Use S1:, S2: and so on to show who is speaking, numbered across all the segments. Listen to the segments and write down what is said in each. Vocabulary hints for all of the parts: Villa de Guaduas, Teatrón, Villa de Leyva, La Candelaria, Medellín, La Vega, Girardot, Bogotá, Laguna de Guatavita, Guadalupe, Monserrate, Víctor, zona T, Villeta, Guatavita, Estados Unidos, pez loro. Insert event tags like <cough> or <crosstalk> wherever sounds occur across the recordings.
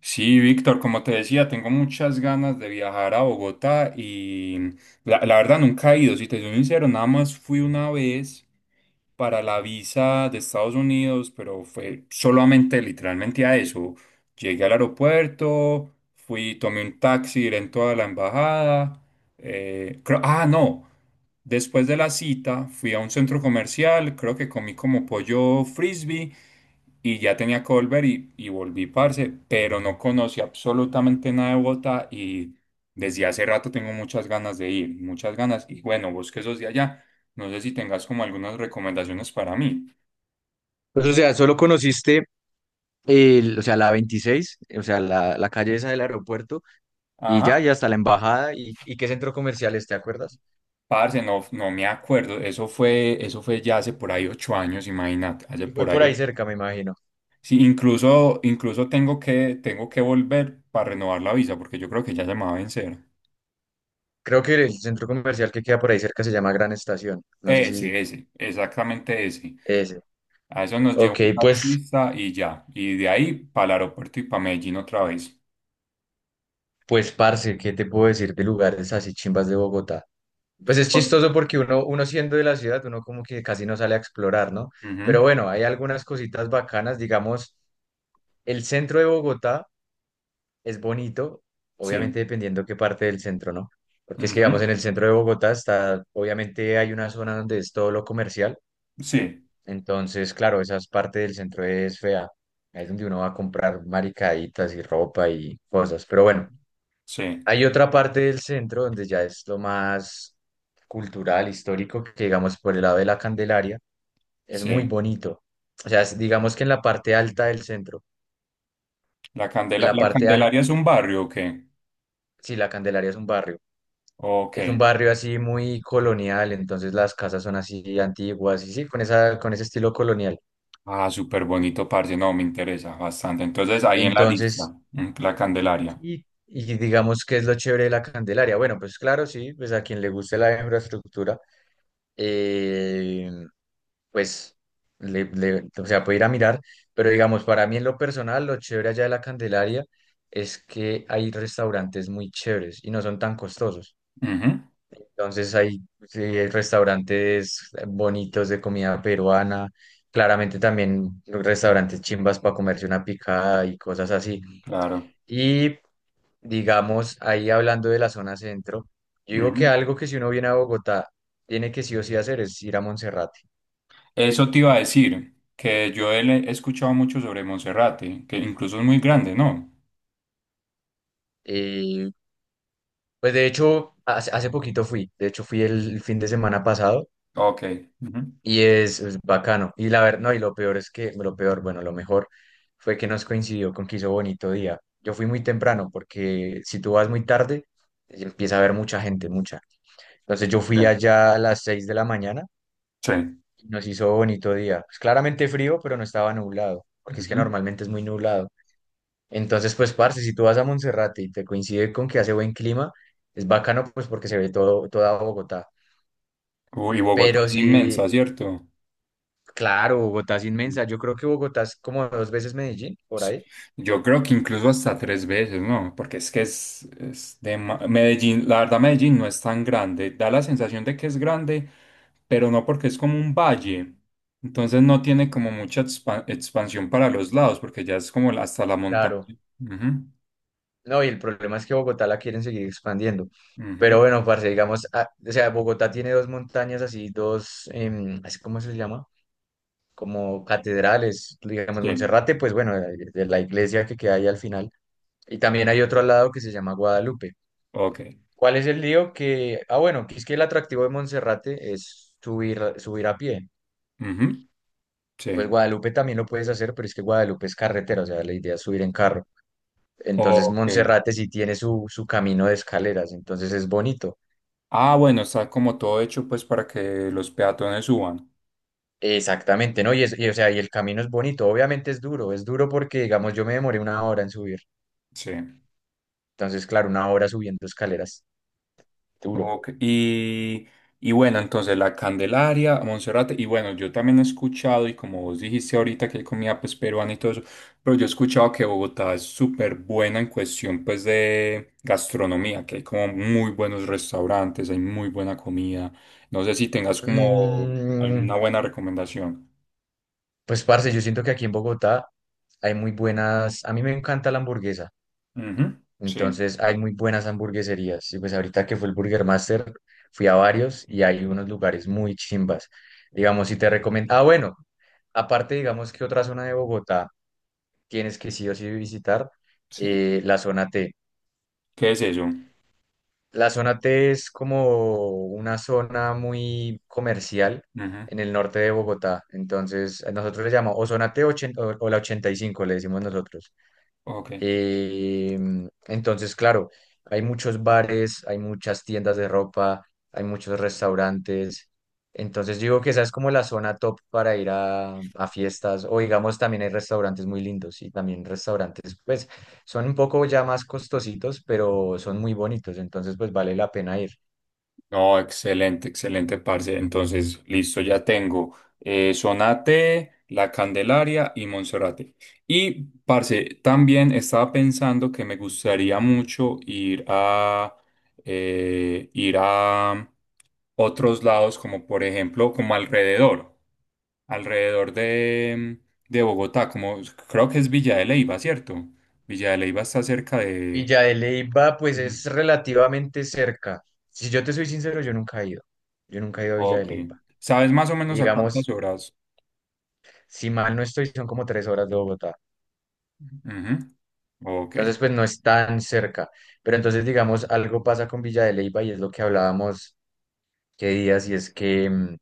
S1: Sí, Víctor, como te decía, tengo muchas ganas de viajar a Bogotá y la verdad nunca he ido, si te soy sincero, nada más fui una vez para la visa de Estados Unidos, pero fue solamente literalmente a eso. Llegué al aeropuerto, fui, tomé un taxi directo a la embajada. No, después de la cita fui a un centro comercial, creo que comí como pollo frisbee y ya tenía que volver y volví, parce, pero no conocí absolutamente nada de Bogotá y desde hace rato tengo muchas ganas de ir, muchas ganas. Y bueno, vos que sos de allá, no sé si tengas como algunas recomendaciones para mí.
S2: Pues, o sea, solo conociste el, o sea, la 26 o sea, la calle esa del aeropuerto, y
S1: Ajá.
S2: ya, y hasta la embajada, y qué centro comercial es, ¿te acuerdas?
S1: Parce, no, no me acuerdo, eso fue ya hace por ahí 8 años, imagínate, hace
S2: Y fue
S1: por
S2: por
S1: ahí
S2: ahí
S1: ocho.
S2: cerca, me imagino.
S1: Sí, incluso, incluso tengo que volver para renovar la visa, porque yo creo que ya se me va a vencer.
S2: Creo que el centro comercial que queda por ahí cerca se llama Gran Estación. No sé si
S1: Ese, exactamente ese.
S2: ese.
S1: A eso nos llevó
S2: Ok,
S1: un
S2: pues,
S1: taxista y ya. Y de ahí para el aeropuerto y para Medellín otra vez.
S2: pues, parce, ¿qué te puedo decir de lugares así chimbas de Bogotá? Pues es
S1: Por-
S2: chistoso porque uno siendo de la ciudad, uno como que casi no sale a explorar, ¿no? Pero
S1: Ujú,
S2: bueno, hay algunas cositas bacanas, digamos, el centro de Bogotá es bonito, obviamente
S1: sí,
S2: dependiendo qué parte del centro, ¿no? Porque es que,
S1: ujú,
S2: digamos, en el centro de Bogotá está, obviamente hay una zona donde es todo lo comercial,
S1: sí,
S2: entonces, claro, esa parte del centro es fea, ahí es donde uno va a comprar maricaditas y ropa y cosas, pero bueno,
S1: sí,
S2: hay otra parte del centro donde ya es lo más cultural, histórico, que digamos por el lado de la Candelaria, es muy
S1: sí.
S2: bonito, o sea, digamos que en la parte alta del centro, la
S1: ¿La
S2: parte alta,
S1: Candelaria es un barrio o qué?
S2: sí, la Candelaria es un barrio.
S1: Ok.
S2: Es un barrio así muy colonial, entonces las casas son así antiguas y sí, con esa, con ese estilo colonial.
S1: Ah, súper bonito, parce. No, me interesa bastante. Entonces, ahí en la lista,
S2: Entonces,
S1: mm, la Candelaria.
S2: y digamos que es lo chévere de la Candelaria. Bueno, pues claro, sí, pues a quien le guste la infraestructura, eh, pues, o sea, puede ir a mirar, pero digamos, para mí en lo personal, lo chévere allá de la Candelaria es que hay restaurantes muy chéveres y no son tan costosos.
S1: Ujú,
S2: Entonces hay, sí, hay restaurantes bonitos de comida peruana, claramente también restaurantes chimbas para comerse una picada y cosas así.
S1: claro,
S2: Y digamos, ahí hablando de la zona centro, yo digo que
S1: ujú.
S2: algo que si uno viene a Bogotá, tiene que sí o sí hacer es ir a Monserrate.
S1: Eso te iba a decir, que he escuchado mucho sobre Monserrate, que incluso es muy grande, ¿no?
S2: Eh, pues de hecho, hace poquito fui, de hecho fui el fin de semana pasado.
S1: Ok, ujú.
S2: Y es bacano. Y la verdad, no, y lo peor es que, lo peor, bueno, lo mejor fue que nos coincidió con que hizo bonito día. Yo fui muy temprano porque si tú vas muy tarde, empieza a haber mucha gente, mucha. Entonces yo fui
S1: Ok,
S2: allá a las 6 de la mañana
S1: sí.
S2: y nos hizo bonito día. Pues claramente frío, pero no estaba nublado, porque es que
S1: Ujú.
S2: normalmente es muy nublado. Entonces, pues, parce, si tú vas a Monserrate y te coincide con que hace buen clima, es bacano, pues, porque se ve todo, toda Bogotá.
S1: Uy, Bogotá
S2: Pero
S1: es
S2: si.
S1: inmensa, ¿cierto?
S2: Claro, Bogotá es
S1: Mm.
S2: inmensa. Yo creo que Bogotá es como dos veces Medellín, por ahí.
S1: Yo creo que incluso hasta 3 veces, ¿no? Porque es que Medellín, la verdad Medellín no es tan grande, da la sensación de que es grande, pero no porque es como un valle, entonces no tiene como mucha expansión para los lados, porque ya es como hasta la montaña.
S2: Claro.
S1: Ujú,
S2: No, y el problema es que Bogotá la quieren seguir expandiendo. Pero
S1: ujú,
S2: bueno, parce, digamos, ah, o sea, Bogotá tiene dos montañas así, dos, así ¿cómo se les llama? Como catedrales, digamos,
S1: sí,
S2: Monserrate, pues bueno, de la iglesia que queda ahí al final. Y también hay otro al lado que se llama Guadalupe.
S1: ok.
S2: ¿Cuál es el lío? Que, ah, bueno, que es que el atractivo de Monserrate es subir, subir a pie.
S1: Ujú,
S2: Pues
S1: sí,
S2: Guadalupe también lo puedes hacer, pero es que Guadalupe es carretera, o sea, la idea es subir en carro. Entonces
S1: ok.
S2: Monserrate sí tiene su camino de escaleras, entonces es bonito.
S1: Ah, bueno, está como todo hecho pues para que los peatones suban.
S2: Exactamente, ¿no? Y, o sea, el camino es bonito, obviamente es duro porque, digamos, yo me demoré una hora en subir.
S1: Sí.
S2: Entonces, claro, una hora subiendo escaleras, duro.
S1: Ok. Y bueno, entonces la Candelaria, Monserrate, y bueno, yo también he escuchado, y como vos dijiste ahorita que hay comida pues peruana y todo eso, pero yo he escuchado que Bogotá es súper buena en cuestión pues de gastronomía, que hay como muy buenos restaurantes, hay muy buena comida. No sé si tengas como
S2: Mm,
S1: alguna buena recomendación.
S2: pues, parce, yo siento que aquí en Bogotá hay muy buenas, a mí me encanta la hamburguesa.
S1: Ujú, sí,
S2: Entonces hay muy buenas hamburgueserías. Y pues ahorita que fue el Burger Master, fui a varios y hay unos lugares muy chimbas. Digamos, si te recomiendo. Ah, bueno, aparte, digamos que otra zona de Bogotá tienes que sí o sí visitar,
S1: sí.
S2: la zona T.
S1: ¿Qué es eso?
S2: La zona T es como una zona muy comercial
S1: Ujú,
S2: en el norte de Bogotá. Entonces, nosotros le llamamos o zona T 80 o la 85, le decimos nosotros.
S1: ok.
S2: Eh, entonces, claro, hay muchos bares, hay muchas tiendas de ropa, hay muchos restaurantes. Entonces, digo que esa es como la zona top para ir a fiestas. O digamos, también hay restaurantes muy lindos y también restaurantes, pues, son un poco ya más costositos, pero son muy bonitos. Entonces, pues, vale la pena ir.
S1: No, excelente, excelente, parce. Entonces, listo, ya tengo Sonate, La Candelaria y Monserrate. Y, parce, también estaba pensando que me gustaría mucho ir a otros lados, como por ejemplo, como alrededor, alrededor de, de Bogotá, como creo que es Villa de Leyva, ¿cierto? Villa de Leyva está cerca de...
S2: Villa de Leyva, pues,
S1: Ujú.
S2: es relativamente cerca. Si yo te soy sincero, yo nunca he ido. Yo nunca he ido a Villa de
S1: Ok.
S2: Leyva.
S1: ¿Sabes más o menos a cuántas
S2: Digamos,
S1: horas?
S2: si mal no estoy, son como 3 horas de Bogotá.
S1: Ujú. Ok,
S2: Entonces, pues no es tan cerca. Pero entonces, digamos, algo pasa con Villa de Leyva y es lo que hablábamos qué días, y es que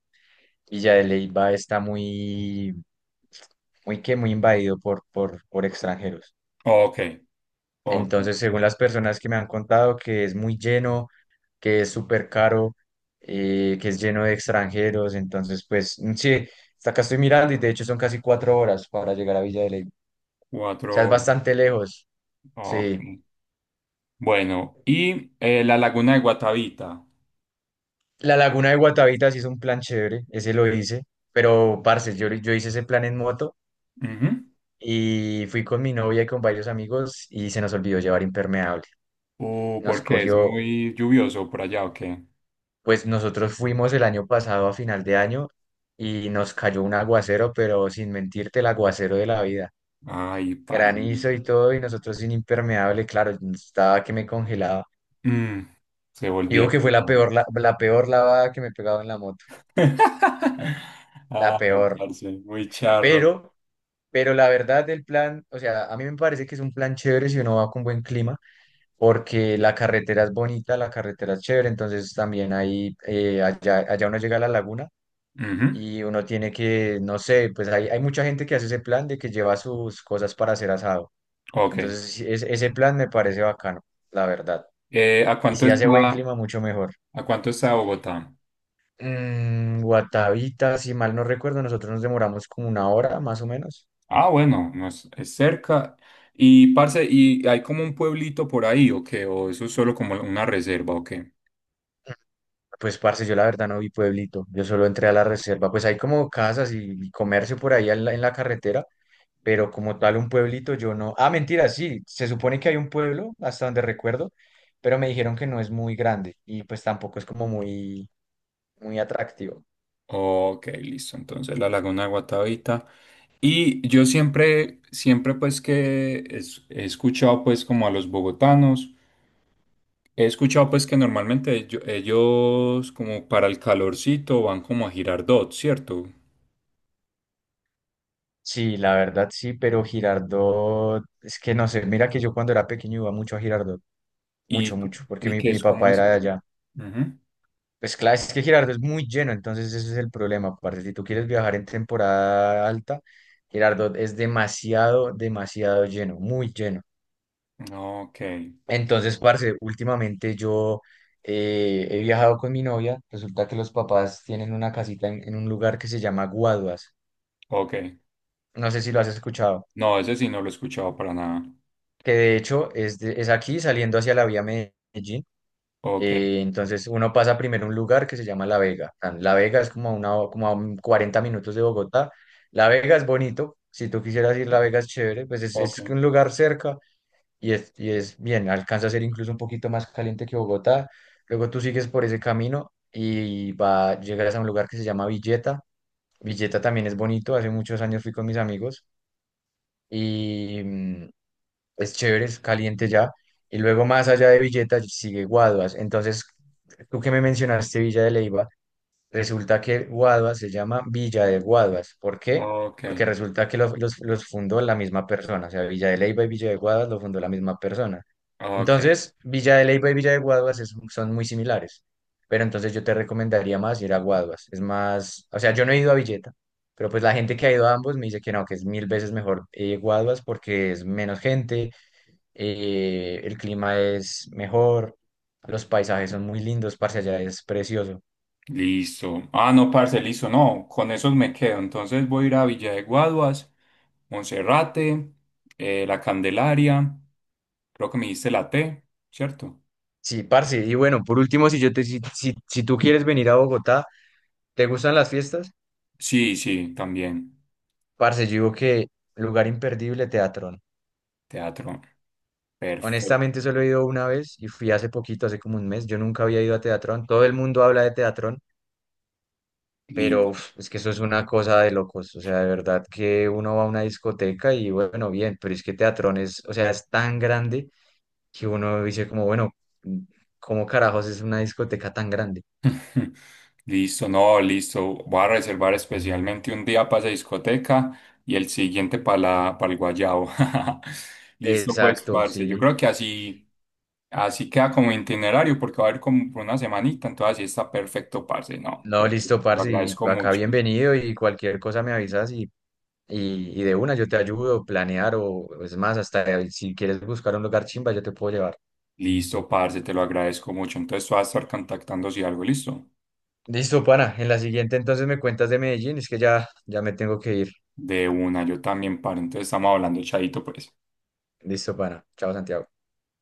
S2: Villa de Leyva está muy, muy que muy invadido por extranjeros.
S1: ok, ok.
S2: Entonces, según las personas que me han contado, que es muy lleno, que es súper caro, que es lleno de extranjeros. Entonces, pues sí, hasta acá estoy mirando y de hecho son casi 4 horas para llegar a Villa de Leyva. O sea,
S1: Cuatro
S2: es
S1: horas.
S2: bastante lejos.
S1: Ok.
S2: Sí.
S1: Bueno, y la laguna de Guatavita.
S2: La laguna de Guatavita sí es un plan chévere, ese lo hice, pero parce, yo hice ese plan en moto
S1: Ujú.
S2: y fui con mi novia y con varios amigos y se nos olvidó llevar impermeable. Nos
S1: ¿Por qué? ¿Es
S2: cogió,
S1: muy lluvioso por allá o qué?
S2: pues nosotros fuimos el año pasado a final de año y nos cayó un aguacero, pero sin mentirte, el aguacero de la vida.
S1: Ay, parce.
S2: Granizo y todo y nosotros sin impermeable, claro, estaba que me congelaba.
S1: Mm, se
S2: Digo
S1: volvieron
S2: que fue la
S1: locos.
S2: peor, la peor lavada que me he pegado en la moto,
S1: <laughs>
S2: la
S1: Ah,
S2: peor,
S1: parce, muy charro.
S2: pero. Pero la verdad del plan, o sea, a mí me parece que es un plan chévere si uno va con buen clima, porque la carretera es bonita, la carretera es chévere, entonces también ahí, allá uno llega a la laguna
S1: Ujú,
S2: y uno tiene que, no sé, pues hay mucha gente que hace ese plan de que lleva sus cosas para hacer asado.
S1: ok.
S2: Entonces, sí, ese plan me parece bacano, la verdad.
S1: Eh, ¿a
S2: Y
S1: cuánto
S2: si
S1: está,
S2: hace buen clima, mucho mejor.
S1: ¿a cuánto está Bogotá?
S2: Guatavita, si mal no recuerdo, nosotros nos demoramos como una hora más o menos.
S1: Ah, bueno, no es, es cerca. Y, parce, ¿y hay como un pueblito por ahí o qué? ¿O eso es solo como una reserva o qué?
S2: Pues, parce, yo la verdad no vi pueblito, yo solo entré a la reserva, pues hay como casas y comercio por ahí en la carretera, pero como tal un pueblito yo no. Ah, mentira, sí, se supone que hay un pueblo, hasta donde recuerdo, pero me dijeron que no es muy grande y pues tampoco es como muy, muy atractivo.
S1: Ok, listo. Entonces la Laguna de Guatavita. Y yo siempre, siempre pues he escuchado pues como a los bogotanos, he escuchado pues que normalmente ellos como para el calorcito van como a Girardot, ¿cierto?
S2: Sí, la verdad sí, pero Girardot, es que no sé, mira que yo cuando era pequeño iba mucho a Girardot, mucho,
S1: Y,
S2: mucho, porque
S1: y
S2: mi,
S1: que
S2: mi
S1: es como
S2: papá
S1: es
S2: era de
S1: eso.
S2: allá.
S1: Ujú.
S2: Pues claro, es que Girardot es muy lleno, entonces ese es el problema. Aparte, si tú quieres viajar en temporada alta, Girardot es demasiado, demasiado lleno, muy lleno.
S1: Ok,
S2: Entonces, parce, últimamente yo he viajado con mi novia. Resulta que los papás tienen una casita en un lugar que se llama Guaduas.
S1: ok.
S2: No sé si lo has escuchado,
S1: No, ese sí no lo he escuchado para nada.
S2: que de hecho es, es aquí saliendo hacia la vía Medellín.
S1: Ok,
S2: Entonces uno pasa primero a un lugar que se llama La Vega. La Vega es como a un 40 minutos de Bogotá. La Vega es bonito. Si tú quisieras ir, La Vega es chévere. Pues es,
S1: ok,
S2: es un lugar cerca y es bien. Alcanza a ser incluso un poquito más caliente que Bogotá. Luego tú sigues por ese camino llegas a un lugar que se llama Villeta. Villeta también es bonito. Hace muchos años fui con mis amigos y es chévere, es caliente ya. Y luego más allá de Villeta sigue Guaduas. Entonces, tú que me mencionaste Villa de Leiva, resulta que Guaduas se llama Villa de Guaduas. ¿Por qué?
S1: ok,
S2: Porque resulta que los fundó la misma persona. O sea, Villa de Leiva y Villa de Guaduas lo fundó la misma persona.
S1: ok.
S2: Entonces, Villa de Leiva y Villa de Guaduas son muy similares. Pero entonces yo te recomendaría más ir a Guaduas. Es más, o sea, yo no he ido a Villeta. Pero pues la gente que ha ido a ambos me dice que no, que es mil veces mejor Guaduas porque es menos gente, el clima es mejor, los paisajes son muy lindos, parce, allá es precioso.
S1: Listo. Ah, no, parce, listo. No, con esos me quedo. Entonces voy a ir a Villa de Guaduas, Monserrate, La Candelaria. Creo que me diste la T, ¿cierto?
S2: Sí, parce, y bueno, por último, si yo te, si, si, si tú quieres venir a Bogotá, ¿te gustan las fiestas?
S1: Sí, sí, también.
S2: Parce, yo digo que lugar imperdible, Teatrón.
S1: Teatro. Perfecto.
S2: Honestamente, solo he ido una vez y fui hace poquito, hace como un mes. Yo nunca había ido a Teatrón. Todo el mundo habla de Teatrón, pero uf, es que eso es una cosa de locos. O sea, de verdad que uno va a una discoteca y bueno, bien, pero es que Teatrón es, o sea, es tan grande que uno dice como, bueno, ¿cómo carajos es una discoteca tan grande?
S1: <laughs> Listo, no, listo. Voy a reservar especialmente un día para esa discoteca y el siguiente para para el guayabo. <laughs> Listo, pues,
S2: Exacto,
S1: parce. Yo
S2: sí.
S1: creo que así, así queda como itinerario porque va a haber como por una semanita, entonces así está perfecto, parce. No,
S2: No,
S1: perfecto.
S2: listo,
S1: Lo
S2: parce, y
S1: agradezco
S2: acá
S1: mucho.
S2: bienvenido y cualquier cosa me avisas y de una yo te ayudo a planear o es más, hasta si quieres buscar un lugar chimba yo te puedo llevar.
S1: Listo, parce, te lo agradezco mucho. Entonces, tú vas a estar contactando si algo, listo.
S2: Listo, pana, en la siguiente entonces me cuentas de Medellín, es que ya me tengo que ir.
S1: De una, yo también, parce. Entonces, estamos hablando, chaito, pues.
S2: Listo, pana. Chao, Santiago.